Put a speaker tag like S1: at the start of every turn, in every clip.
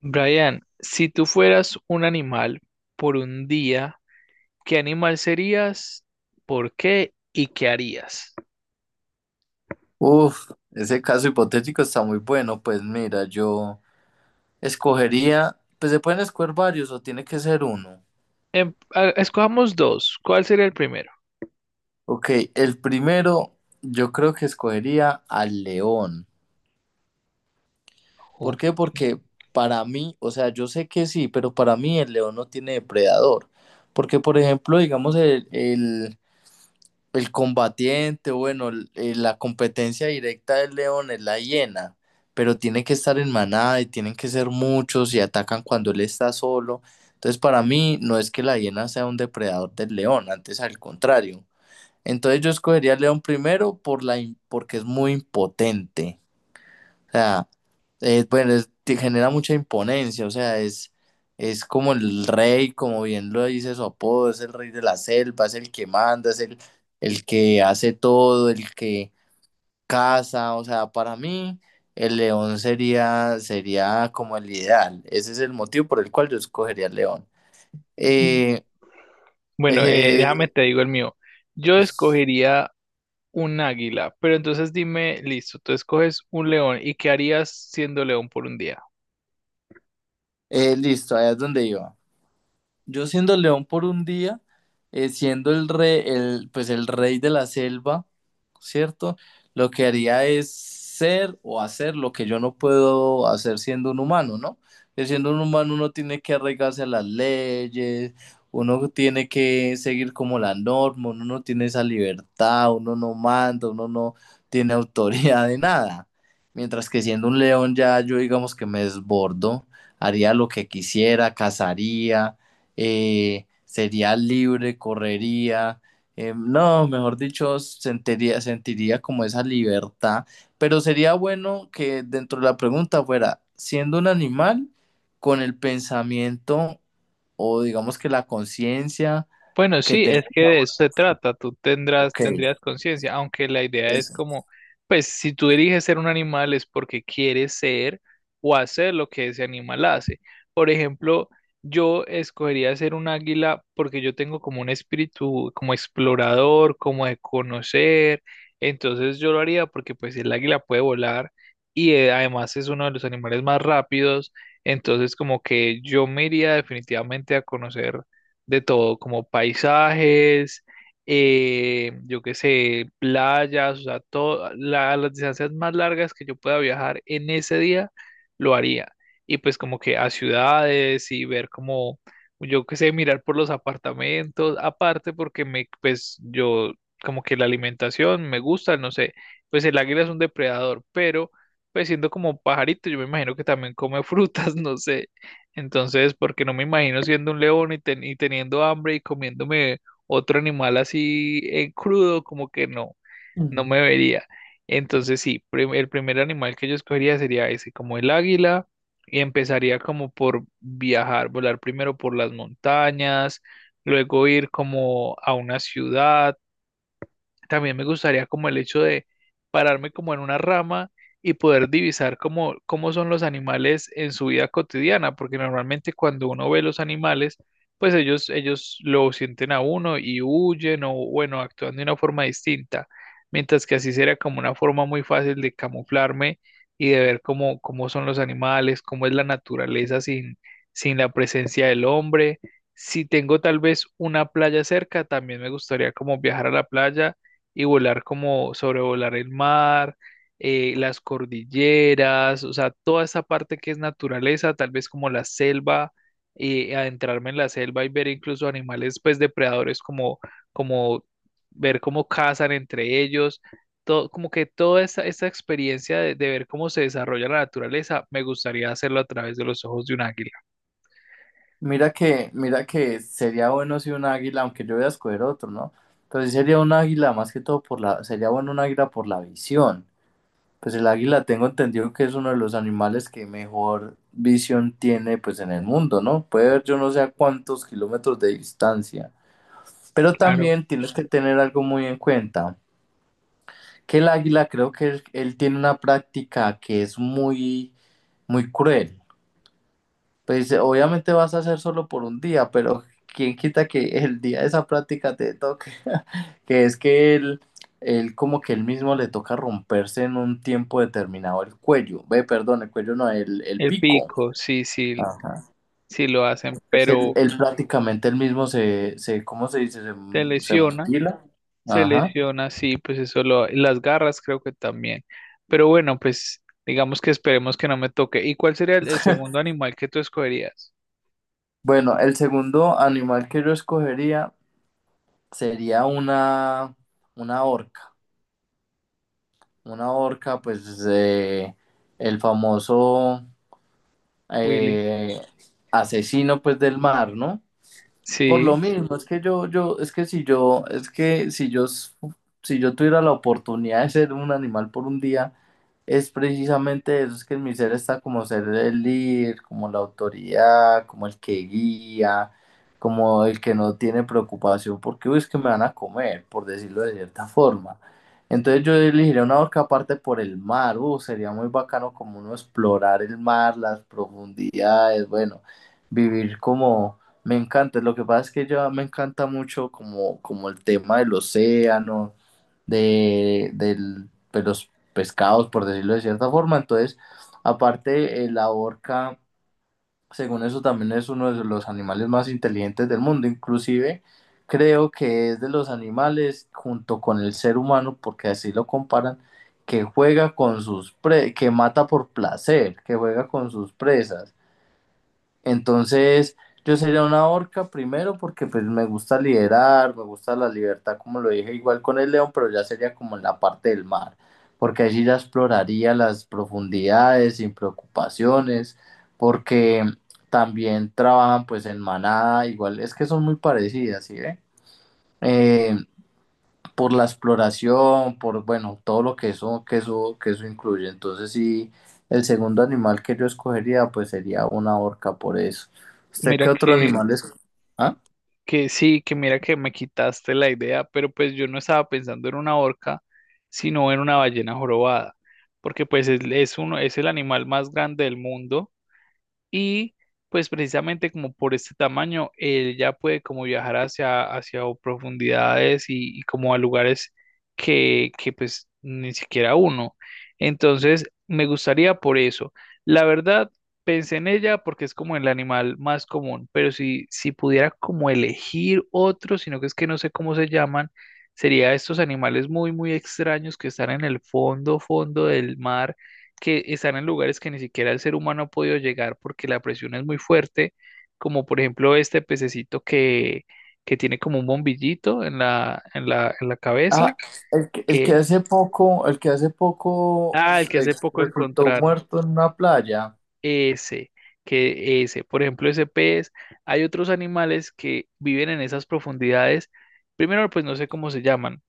S1: Brian, si tú fueras un animal por un día, ¿qué animal serías? ¿Por qué? ¿Y qué harías?
S2: Uf, ese caso hipotético está muy bueno. Pues mira, yo escogería, pues se pueden escoger varios o tiene que ser uno.
S1: Escojamos dos. ¿Cuál sería el primero?
S2: Ok, el primero yo creo que escogería al león. ¿Por
S1: Jo-
S2: qué? Porque para mí, o sea, yo sé que sí, pero para mí el león no tiene depredador. Porque, por ejemplo, digamos, El combatiente, bueno, la competencia directa del león es la hiena, pero tiene que estar en manada y tienen que ser muchos y atacan cuando él está solo. Entonces, para mí, no es que la hiena sea un depredador del león, antes al contrario. Entonces, yo escogería al león primero porque es muy impotente. O sea, bueno, te genera mucha imponencia, o sea, es como el rey, como bien lo dice su apodo, es el rey de la selva, es el que manda, el que hace todo, el que caza, o sea, para mí el sería como el ideal, ese es el motivo por el cual yo escogería el león.
S1: Mm.
S2: Eh,
S1: Bueno,
S2: eh,
S1: déjame
S2: eh,
S1: te digo el mío. Yo escogería Un águila. Pero entonces dime, listo, tú escoges un león. ¿Y qué harías siendo león por un día?
S2: listo, allá es donde iba. Yo siendo león por un día, siendo el rey, pues el rey de la selva, ¿cierto? Lo que haría es ser o hacer lo que yo no puedo hacer siendo un humano, ¿no? Que siendo un humano uno tiene que arraigarse a las leyes, uno tiene que seguir como la norma, uno no tiene esa libertad, uno no manda, uno no tiene autoridad de nada. Mientras que siendo un león ya yo digamos que me desbordo, haría lo que quisiera, cazaría, sería libre, correría, no, mejor dicho, sentiría como esa libertad, pero sería bueno que dentro de la pregunta fuera, siendo un animal con el pensamiento o digamos que la conciencia
S1: Bueno,
S2: que
S1: sí, es
S2: tenemos
S1: que de
S2: ahora.
S1: eso se trata,
S2: Ok,
S1: tendrías conciencia, aunque la idea es
S2: eso.
S1: como, pues si tú eliges ser un animal es porque quieres ser o hacer lo que ese animal hace. Por ejemplo, yo escogería ser un águila porque yo tengo como un espíritu, como explorador, como de conocer, entonces yo lo haría porque pues el águila puede volar y además es uno de los animales más rápidos, entonces como que yo me iría definitivamente a conocer de todo, como paisajes, yo qué sé, playas, o sea, todo, las distancias más largas que yo pueda viajar en ese día, lo haría. Y pues como que a ciudades y ver como, yo qué sé, mirar por los apartamentos, aparte porque me, pues yo, como que la alimentación me gusta, no sé, pues el águila es un depredador, pero pues siendo como un pajarito, yo me imagino que también come frutas, no sé. Entonces, porque no me imagino siendo un león y, y teniendo hambre y comiéndome otro animal así en crudo, como que no, no
S2: Ujú.
S1: me vería. Entonces, sí, el primer animal que yo escogería sería ese, como el águila, y empezaría como por viajar, volar primero por las montañas, luego ir como a una ciudad también me gustaría como el hecho de pararme como en una rama y poder divisar cómo, cómo son los animales en su vida cotidiana, porque normalmente cuando uno ve los animales, pues ellos lo sienten a uno y huyen o bueno, actúan de una forma distinta, mientras que así sería como una forma muy fácil de camuflarme y de ver cómo, cómo son los animales, cómo es la naturaleza sin, sin la presencia del hombre. Si tengo tal vez una playa cerca, también me gustaría como viajar a la playa y volar como sobrevolar el mar, las cordilleras, o sea, toda esa parte que es naturaleza, tal vez como la selva, y adentrarme en la selva y ver incluso animales pues depredadores como, como ver cómo cazan entre ellos todo, como que toda esa, esa experiencia de ver cómo se desarrolla la naturaleza, me gustaría hacerlo a través de los ojos de un águila.
S2: Mira que sería bueno si un águila, aunque yo voy a escoger otro, ¿no? Pero sí sería un águila más que todo por la, sería bueno un águila por la visión. Pues el águila tengo entendido que es uno de los animales que mejor visión tiene pues en el mundo, ¿no? Puede ver yo no sé a cuántos kilómetros de distancia. Pero
S1: Claro,
S2: también tienes que tener algo muy en cuenta, que el águila creo que él tiene una práctica que es muy, muy cruel. Pues obviamente vas a hacer solo por un día, pero quién quita que el día de esa práctica te toque, que es que él como que él mismo le toca romperse en un tiempo determinado el cuello, ve, perdón, el cuello no, el
S1: el
S2: pico.
S1: pico, sí, sí,
S2: Ajá.
S1: sí lo hacen,
S2: Es
S1: pero
S2: él prácticamente él mismo ¿cómo se dice?
S1: te
S2: Se
S1: lesiona.
S2: mutila.
S1: Se
S2: Ajá.
S1: lesiona, sí, pues eso lo, las garras creo que también. Pero bueno, pues digamos que esperemos que no me toque. ¿Y cuál sería el segundo animal que tú escogerías,
S2: Bueno, el segundo animal que yo escogería sería una orca. Una orca, pues el famoso
S1: Willy?
S2: eh, asesino pues del mar, ¿no? Por lo
S1: Sí,
S2: mismo, es que es que si yo, si yo tuviera la oportunidad de ser un animal por un día, es precisamente eso, es que en mi ser está como ser el líder, como la autoridad, como el que guía, como el que no tiene preocupación, porque uy, es que me van a comer, por decirlo de cierta forma. Entonces yo elegiría una orca aparte por el mar, sería muy bacano como uno explorar el mar, las profundidades, bueno, vivir como me encanta, lo que pasa es que ya me encanta mucho como, como el tema del océano, de los pescados, por decirlo de cierta forma. Entonces, aparte, la orca, según eso, también es uno de los animales más inteligentes del mundo. Inclusive, creo que es de los animales, junto con el ser humano, porque así lo comparan, que juega con sus pre- que mata por placer, que juega con sus presas. Entonces, yo sería una orca primero porque pues me gusta liderar, me gusta la libertad, como lo dije, igual con el león, pero ya sería como en la parte del mar, porque allí ya exploraría las profundidades sin preocupaciones, porque también trabajan pues en manada, igual es que son muy parecidas, ¿sí ve? Eh, por la exploración, por, bueno, todo lo que eso, que eso incluye. Entonces, sí, el segundo animal que yo escogería, pues sería una orca por eso. ¿Usted qué
S1: mira
S2: otro
S1: que,
S2: animal es? ¿Ah?
S1: que sí, que mira que me quitaste la idea, pero pues yo no estaba pensando en una orca, sino en una ballena jorobada, porque pues es uno, es el animal más grande del mundo. Y pues precisamente como por este tamaño, él ya puede como viajar hacia, hacia profundidades y como a lugares que pues ni siquiera uno. Entonces, me gustaría por eso. La verdad, pensé en ella porque es como el animal más común, pero si, si pudiera como elegir otro, sino que es que no sé cómo se llaman, sería estos animales muy, muy extraños que están en el fondo, fondo del mar que están en lugares que ni siquiera el ser humano ha podido llegar porque la presión es muy fuerte, como por ejemplo este pececito que tiene como un bombillito en la, en la cabeza.
S2: Ah, el que
S1: El,
S2: hace poco, el que hace poco
S1: ah, el que hace poco
S2: resultó
S1: encontraron.
S2: muerto en una playa,
S1: Ese, que ese, por ejemplo, ese pez. Hay otros animales que viven en esas profundidades. Primero, pues no sé cómo se llaman.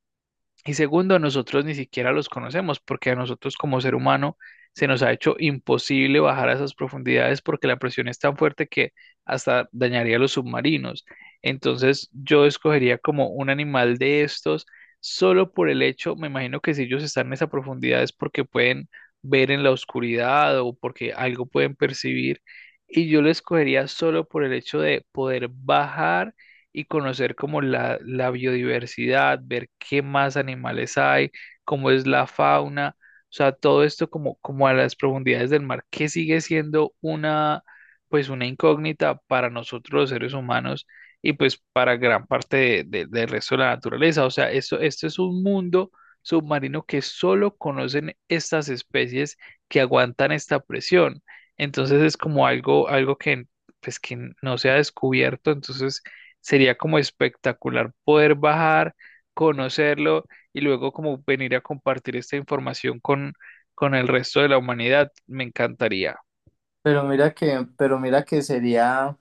S1: Y segundo, nosotros ni siquiera los conocemos porque a nosotros como ser humano se nos ha hecho imposible bajar a esas profundidades porque la presión es tan fuerte que hasta dañaría a los submarinos. Entonces yo escogería como un animal de estos solo por el hecho, me imagino que si ellos están en esa profundidad es porque pueden ver en la oscuridad o porque algo pueden percibir. Y yo lo escogería solo por el hecho de poder bajar y conocer como la biodiversidad, ver qué más animales hay, cómo es la fauna, o sea, todo esto como, como a las profundidades del mar, que sigue siendo una, pues una incógnita para nosotros los seres humanos y pues para gran parte del resto de la naturaleza. O sea, esto es un mundo submarino que solo conocen estas especies que aguantan esta presión. Entonces es como algo, algo que pues que no se ha descubierto, entonces sería como espectacular poder bajar, conocerlo y luego como venir a compartir esta información con el resto de la humanidad. Me encantaría.
S2: pero mira que sería,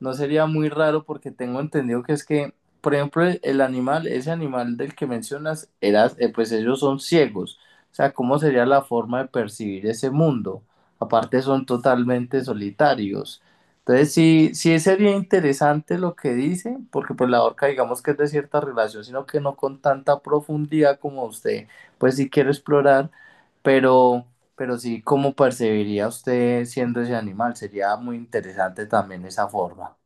S2: no sería muy raro porque tengo entendido que es que, por ejemplo, el animal, ese animal del que mencionas, era, pues ellos son ciegos. O sea, ¿cómo sería la forma de percibir ese mundo? Aparte son totalmente solitarios. Entonces sí, sí sería interesante lo que dice, porque pues la orca digamos que es de cierta relación, sino que no con tanta profundidad como usted, pues sí quiero explorar, pero sí, ¿cómo percibiría usted siendo ese animal? Sería muy interesante también esa forma.